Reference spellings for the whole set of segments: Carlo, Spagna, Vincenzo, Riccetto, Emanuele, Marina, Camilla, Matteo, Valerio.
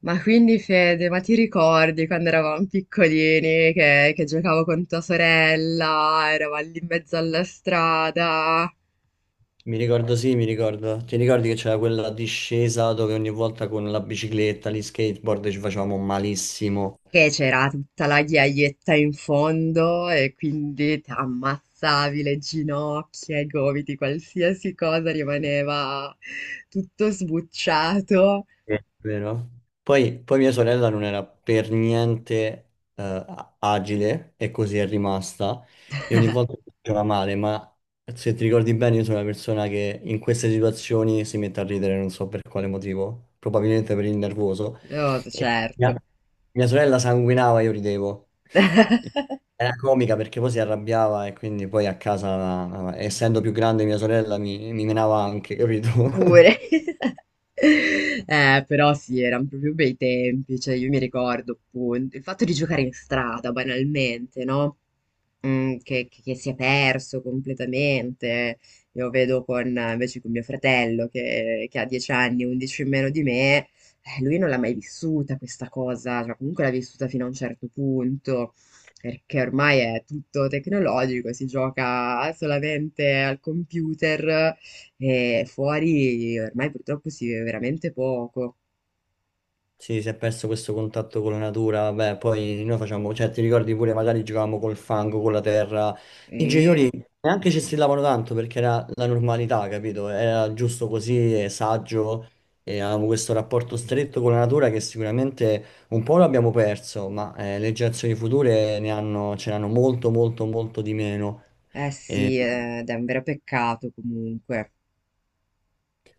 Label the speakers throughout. Speaker 1: Ma quindi Fede, ma ti ricordi quando eravamo piccolini che giocavo con tua sorella, eravamo lì in mezzo alla strada,
Speaker 2: Mi ricordo, sì, mi ricordo. Ti ricordi che c'era quella discesa dove ogni volta con la bicicletta, gli skateboard ci facevamo malissimo?
Speaker 1: che c'era tutta la ghiaietta in fondo e quindi ti ammazzavi le ginocchia, i gomiti, qualsiasi cosa rimaneva tutto sbucciato?
Speaker 2: Sì, vero? Poi mia sorella non era per niente agile e così è rimasta e ogni volta si faceva male, ma se ti ricordi bene io sono una persona che in queste situazioni si mette a ridere, non so per quale motivo, probabilmente per il nervoso.
Speaker 1: No,
Speaker 2: E mia,
Speaker 1: certo.
Speaker 2: mia sorella sanguinava, io ridevo. Era comica perché poi si arrabbiava e quindi poi a casa, essendo più grande mia sorella, mi menava anche, capito?
Speaker 1: Pure. Però sì, erano proprio bei tempi, cioè io mi ricordo appunto il fatto di giocare in strada banalmente, no? Mm, che si è perso completamente. Io vedo con, invece con mio fratello che ha 10 anni, 11 in meno di me, lui non l'ha mai vissuta questa cosa, cioè comunque l'ha vissuta fino a un certo punto, perché ormai è tutto tecnologico, si gioca solamente al computer e fuori ormai purtroppo si vive veramente poco.
Speaker 2: Sì, si è perso questo contatto con la natura, vabbè, poi noi facciamo, cioè ti ricordi pure magari giocavamo col fango, con la terra, i
Speaker 1: Mm.
Speaker 2: genitori neanche ci strillavano tanto perché era la normalità, capito? Era giusto così, e saggio, e avevamo questo rapporto stretto con la natura che sicuramente un po' lo abbiamo perso, ma le generazioni future ne hanno, ce l'hanno molto molto molto di meno.
Speaker 1: Eh
Speaker 2: E-
Speaker 1: sì, ed è un vero peccato comunque.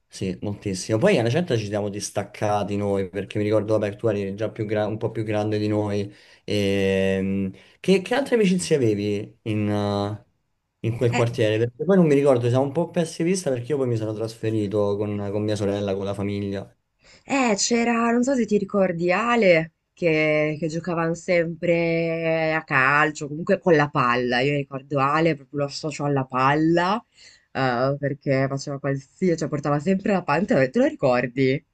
Speaker 2: Sì, moltissimo. Poi alla certa ci siamo distaccati noi, perché mi ricordo, vabbè, tu eri già un po' più grande di noi. Ehm, che altre amicizie avevi in quel
Speaker 1: Eh,
Speaker 2: quartiere? Perché poi non mi ricordo, siamo un po' persi di vista perché io poi mi sono trasferito con mia sorella, con la famiglia.
Speaker 1: C'era, non so se ti ricordi Ale, che giocavano sempre a calcio, comunque con la palla. Io ricordo Ale, proprio lo associo alla palla, perché faceva qualsiasi, cioè portava sempre la palla, te lo ricordi?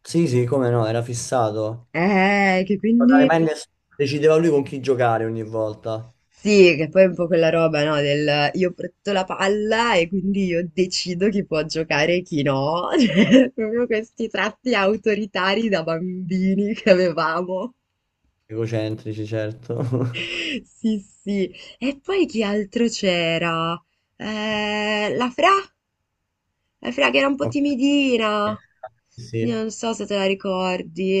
Speaker 2: Sì, sì, come no, era fissato.
Speaker 1: Che
Speaker 2: Guardare
Speaker 1: quindi...
Speaker 2: mai ness- Decideva lui con chi giocare ogni volta.
Speaker 1: Sì, che poi è un po' quella roba, no? Del io porto la palla e quindi io decido chi può giocare e chi no. Cioè, proprio questi tratti autoritari da bambini che avevamo.
Speaker 2: Egocentrici, certo.
Speaker 1: Sì, sì. E poi chi altro c'era? Eh, la Fra, la Fra che era un po'
Speaker 2: Ok.
Speaker 1: timidina. Io
Speaker 2: Sì.
Speaker 1: non so se te la ricordi.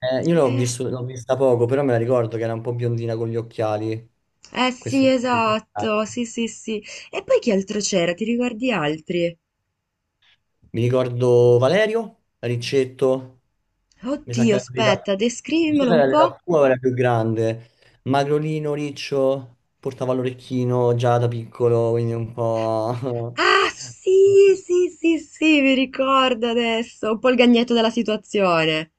Speaker 2: Io l'ho vista poco, però me la ricordo che era un po' biondina con gli occhiali.
Speaker 1: eh
Speaker 2: Questo
Speaker 1: sì,
Speaker 2: è importante.
Speaker 1: esatto. Sì, sì, sì. E poi chi altro c'era? Ti ricordi altri?
Speaker 2: Mi ricordo Valerio, Riccetto, mi sa che
Speaker 1: Dio,
Speaker 2: era l'età,
Speaker 1: aspetta,
Speaker 2: non so
Speaker 1: descrivimelo
Speaker 2: se
Speaker 1: un
Speaker 2: era
Speaker 1: po'.
Speaker 2: l'età tua o era più grande. Magrolino, Riccio, portava l'orecchino già da piccolo, quindi un po'...
Speaker 1: Ah sì, sì, sì, sì, mi ricordo adesso un po' il gagnetto della situazione.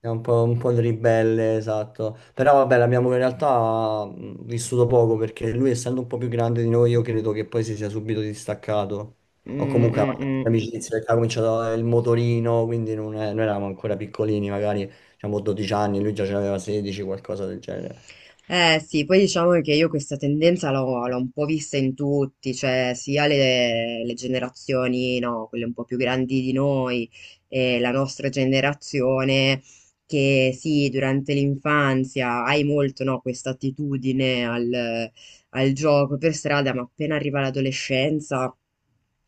Speaker 2: È un po' il ribelle, esatto. Però vabbè, l'abbiamo in realtà vissuto poco perché lui, essendo un po' più grande di noi, io credo che poi si sia subito distaccato. O
Speaker 1: Mm,
Speaker 2: comunque ha
Speaker 1: mm,
Speaker 2: fatto
Speaker 1: mm.
Speaker 2: amicizia, perché ha cominciato il motorino, quindi non è- noi eravamo ancora piccolini, magari diciamo 12 anni, lui già ce n'aveva 16, qualcosa del genere.
Speaker 1: Eh sì, poi diciamo che io questa tendenza l'ho un po' vista in tutti, cioè sia le generazioni, no, quelle un po' più grandi di noi, e la nostra generazione, che sì, durante l'infanzia hai molto, no, questa attitudine al gioco per strada, ma appena arriva l'adolescenza,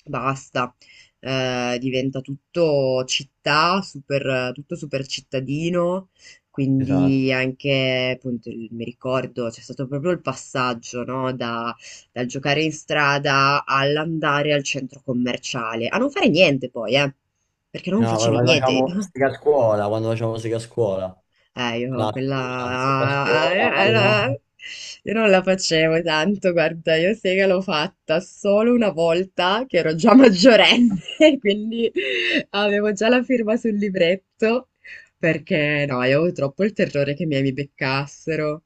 Speaker 1: basta. Diventa tutto città, super, tutto super cittadino,
Speaker 2: Esatto.
Speaker 1: quindi anche, appunto, il- mi ricordo, c'è stato proprio il passaggio, no? Dal giocare in strada all'andare al centro commerciale, a non fare niente poi, perché non
Speaker 2: No, ma
Speaker 1: facevi
Speaker 2: quando
Speaker 1: niente.
Speaker 2: facciamo sega a scuola, quando facciamo sega a scuola,
Speaker 1: Io quella...
Speaker 2: classica, sega a scuola, Marina.
Speaker 1: io non la facevo tanto, guarda, io sega l'ho fatta solo una volta che ero già maggiorenne, quindi avevo già la firma sul libretto, perché no, io avevo troppo il terrore che i miei mi beccassero.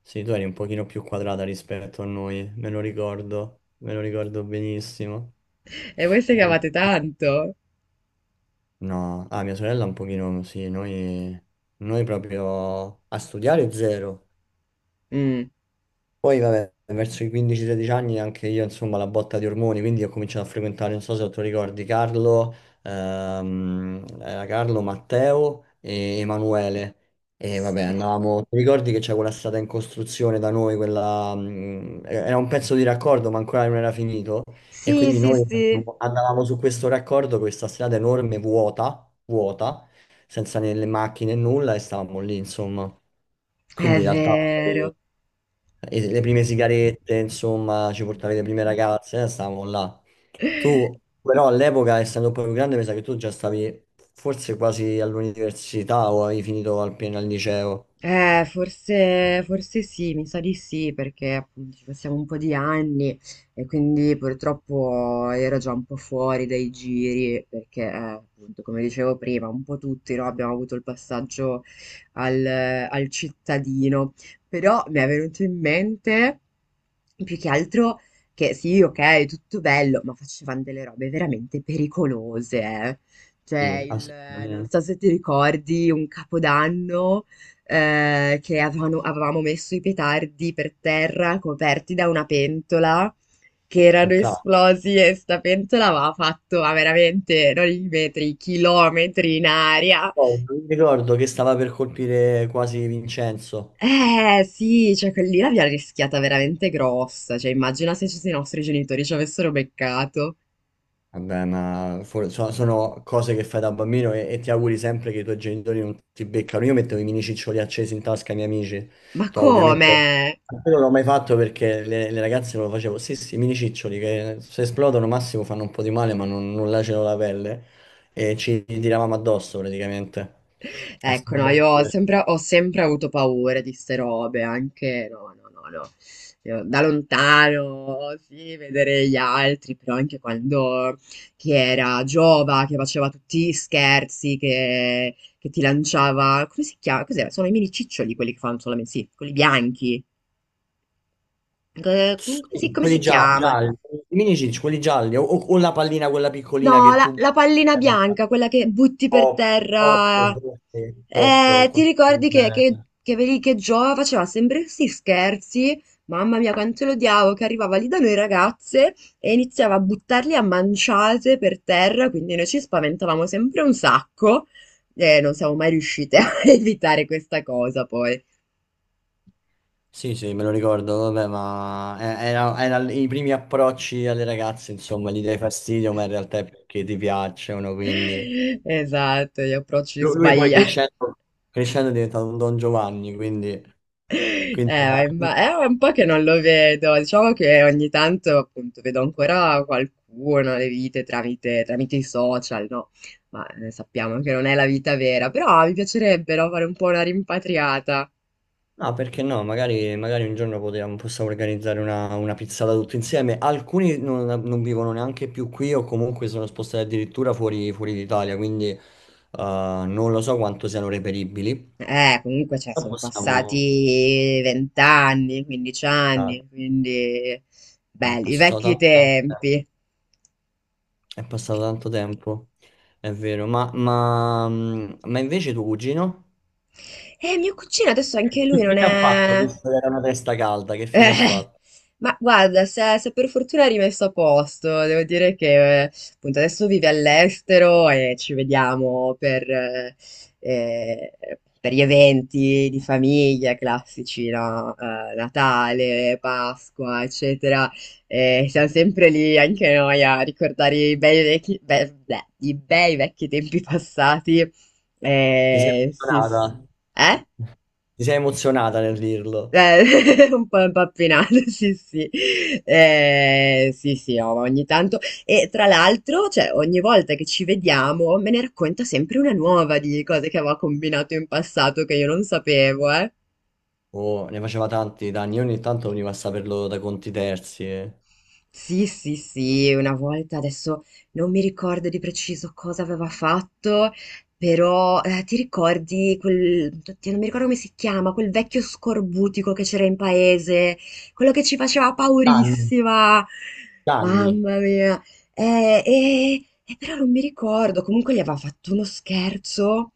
Speaker 2: Sì, tu eri un pochino più quadrata rispetto a noi, me lo ricordo benissimo.
Speaker 1: E voi segavate tanto?
Speaker 2: No, ah, mia sorella un pochino, sì, noi proprio a studiare zero.
Speaker 1: Mm.
Speaker 2: Poi, vabbè, verso i 15-16 anni anche io, insomma, la botta di ormoni, quindi ho cominciato a frequentare, non so se tu ricordi, Carlo, era Carlo, Matteo e Emanuele. E vabbè, andavamo, ti ricordi che c'è quella strada in costruzione da noi, quella, era un pezzo di raccordo, ma ancora non era finito. E
Speaker 1: Sì,
Speaker 2: quindi
Speaker 1: sì, sì,
Speaker 2: noi
Speaker 1: sì,
Speaker 2: andavamo su questo raccordo, questa strada enorme, vuota, vuota, senza né le macchine e nulla, e stavamo lì, insomma.
Speaker 1: è
Speaker 2: Quindi in realtà
Speaker 1: vero.
Speaker 2: e le prime sigarette, insomma, ci portavi le prime ragazze, stavamo là. Tu, però, all'epoca, essendo poi più grande, mi sa che tu già stavi forse quasi all'università o avevi finito appena al liceo.
Speaker 1: Forse, forse sì, mi sa di sì, perché appunto ci passiamo un po' di anni e quindi purtroppo ero già un po' fuori dai giri, perché appunto, come dicevo prima, un po' tutti no, abbiamo avuto il passaggio al, al cittadino, però mi è venuto in mente più che altro che sì, ok, tutto bello, ma facevano delle robe veramente pericolose, eh. Cioè,
Speaker 2: Sì,
Speaker 1: il, non
Speaker 2: assolutamente.
Speaker 1: so se ti ricordi, un capodanno che avevamo messo i petardi per terra coperti da una pentola che
Speaker 2: Un
Speaker 1: erano
Speaker 2: classico.
Speaker 1: esplosi e sta pentola aveva fatto ma veramente non i metri, chilometri in aria.
Speaker 2: Poi, mi ricordo che stava per colpire quasi Vincenzo.
Speaker 1: Eh sì, cioè quella lì l'abbiamo rischiata veramente grossa, cioè immagina se i nostri genitori ci avessero beccato.
Speaker 2: Vabbè, ma sono cose che fai da bambino e ti auguri sempre che i tuoi genitori non ti beccano. Io mettevo i mini ciccioli accesi in tasca ai miei amici.
Speaker 1: Ma
Speaker 2: No, ovviamente
Speaker 1: come?
Speaker 2: io non l'ho mai fatto perché le ragazze non lo facevo. Sì, sì, i mini ciccioli che se esplodono massimo fanno un po' di male, ma non lacerano la pelle. E ci tiravamo addosso praticamente. È
Speaker 1: Ecco,
Speaker 2: stato
Speaker 1: no,
Speaker 2: molto
Speaker 1: io
Speaker 2: divertente.
Speaker 1: ho sempre avuto paura di ste robe, anche no, no, no, no. Io da lontano, sì, vedere gli altri, però anche quando chi era Giova, che faceva tutti gli scherzi, che ti lanciava, come si chiama? Cos'era? Sono i mini ciccioli quelli che fanno solamente, sì, quelli bianchi.
Speaker 2: Sì,
Speaker 1: Come si chiama?
Speaker 2: gialli, i mini ciccioli, quelli gialli, o la pallina, quella piccolina
Speaker 1: No,
Speaker 2: che tu...
Speaker 1: la pallina
Speaker 2: eh,
Speaker 1: bianca, quella che butti per
Speaker 2: pop, pop,
Speaker 1: terra.
Speaker 2: forse, pop, qualcosa
Speaker 1: Ti
Speaker 2: del
Speaker 1: ricordi
Speaker 2: genere.
Speaker 1: vedi che Gio faceva sempre questi scherzi? Mamma mia, quanto lo odiavo, che arrivava lì da noi ragazze e iniziava a buttarli a manciate per terra, quindi noi ci spaventavamo sempre un sacco e non siamo mai riuscite a evitare questa cosa poi.
Speaker 2: Sì, sì, me lo ricordo, vabbè, ma era i primi approcci alle ragazze, insomma, gli dai fastidio, ma in realtà è perché ti piacciono, quindi...
Speaker 1: Esatto, gli approcci
Speaker 2: Lui poi
Speaker 1: sbagliati.
Speaker 2: crescendo, crescendo è diventato un Don Giovanni, quindi... quindi
Speaker 1: Ma
Speaker 2: era-
Speaker 1: imma- è un po' che non lo vedo, diciamo che ogni tanto appunto vedo ancora qualcuno le vite tramite i social, no? Ma sappiamo che non è la vita vera, però mi piacerebbe no, fare un po' una rimpatriata.
Speaker 2: No, perché no? Magari, magari un giorno possiamo organizzare una pizzata tutti insieme. Alcuni non vivono neanche più qui o comunque sono spostati addirittura fuori, fuori d'Italia, quindi non lo so quanto siano reperibili.
Speaker 1: Comunque cioè,
Speaker 2: Però
Speaker 1: sono
Speaker 2: possiamo...
Speaker 1: passati vent'anni, 15
Speaker 2: ah,
Speaker 1: anni, quindi
Speaker 2: è
Speaker 1: belli, i
Speaker 2: passato
Speaker 1: vecchi tempi.
Speaker 2: è passato tanto tempo, è vero. Ma invece tuo cugino?
Speaker 1: Mio cugino adesso
Speaker 2: Che
Speaker 1: anche lui non
Speaker 2: fine ha fatto,
Speaker 1: è...
Speaker 2: visto che era una testa calda? Che fine ha
Speaker 1: Eh,
Speaker 2: fatto?
Speaker 1: ma guarda, se per fortuna è rimesso a posto, devo dire che appunto adesso vive all'estero e ci vediamo eh, per gli eventi di famiglia classici, no? Natale, Pasqua, eccetera. E siamo sempre lì anche noi a ricordare i bei vecchi, i bei vecchi tempi passati.
Speaker 2: Ti sei
Speaker 1: Sì,
Speaker 2: emozionata?
Speaker 1: sì. Eh?
Speaker 2: Ti sei emozionata nel dirlo?
Speaker 1: Un po' impappinato, sì, sì. Sì, sì, no, ma ogni tanto. E tra l'altro, cioè, ogni volta che ci vediamo, me ne racconta sempre una nuova di cose che aveva combinato in passato che io non sapevo, eh.
Speaker 2: Oh, ne faceva tanti danni, io ogni tanto veniva a saperlo da conti terzi.
Speaker 1: Sì, sì, sì, una volta adesso non mi ricordo di preciso cosa aveva fatto, però ti ricordi quel, oddio, non mi ricordo come si chiama, quel vecchio scorbutico che c'era in paese, quello che ci faceva
Speaker 2: Danni.
Speaker 1: paurissima,
Speaker 2: Danni.
Speaker 1: mamma mia, eh, eh, però non mi ricordo, comunque gli aveva fatto uno scherzo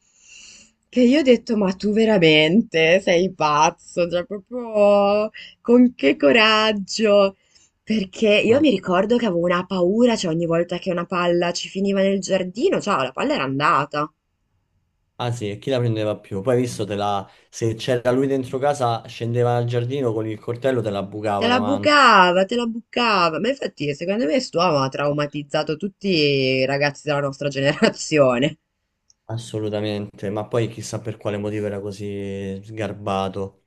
Speaker 1: che io ho detto, ma tu veramente sei pazzo, cioè proprio con che coraggio. Perché io mi
Speaker 2: Madonna.
Speaker 1: ricordo che avevo una paura, cioè ogni volta che una palla ci finiva nel giardino, cioè la palla era andata.
Speaker 2: Ah sì, e chi la prendeva più? Poi hai visto, te la... se c'era lui dentro casa, scendeva al giardino con il coltello, te la
Speaker 1: Te
Speaker 2: bucava
Speaker 1: la
Speaker 2: davanti.
Speaker 1: bucava, te la bucava. Ma infatti, secondo me, st'uomo ha traumatizzato tutti i ragazzi della nostra generazione.
Speaker 2: Assolutamente, ma poi chissà per quale motivo era così sgarbato.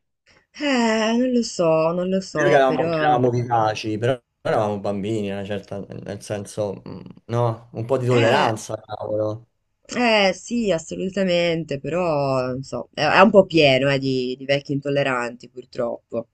Speaker 1: Non lo so, non lo
Speaker 2: Noi
Speaker 1: so,
Speaker 2: che
Speaker 1: però...
Speaker 2: eravamo vivaci, però eravamo bambini, una certa, nel senso, no, un po' di
Speaker 1: Eh...
Speaker 2: tolleranza, cavolo.
Speaker 1: Eh sì, assolutamente, però non so, è un po' pieno di vecchi intolleranti purtroppo.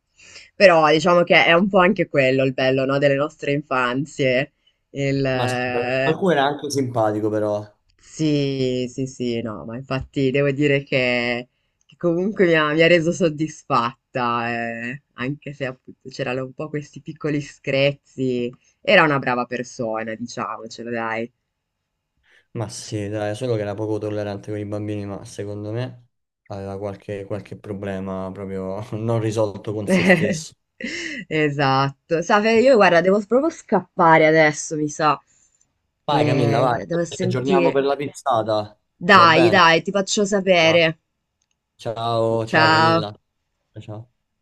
Speaker 1: Però diciamo che è un po' anche quello il bello, no, delle nostre infanzie. Il,
Speaker 2: Ma sì, qualcuno era anche simpatico, però.
Speaker 1: sì, sì, sì, no, ma infatti devo dire che comunque mi ha reso soddisfatta, anche se appunto c'erano un po' questi piccoli screzi. Era una brava persona, diciamocelo, dai.
Speaker 2: Ma sì, dai, solo che era poco tollerante con i bambini, ma secondo me aveva qualche problema proprio non risolto con se stesso.
Speaker 1: Esatto. Sa, Fede, io guarda, devo proprio scappare adesso, mi sa,
Speaker 2: Vai Camilla, vai,
Speaker 1: che devo
Speaker 2: ci aggiorniamo
Speaker 1: sentire.
Speaker 2: per la pizzata, va
Speaker 1: Dai,
Speaker 2: bene?
Speaker 1: dai, ti faccio sapere.
Speaker 2: Ciao, ciao
Speaker 1: Ciao.
Speaker 2: Camilla. Ciao.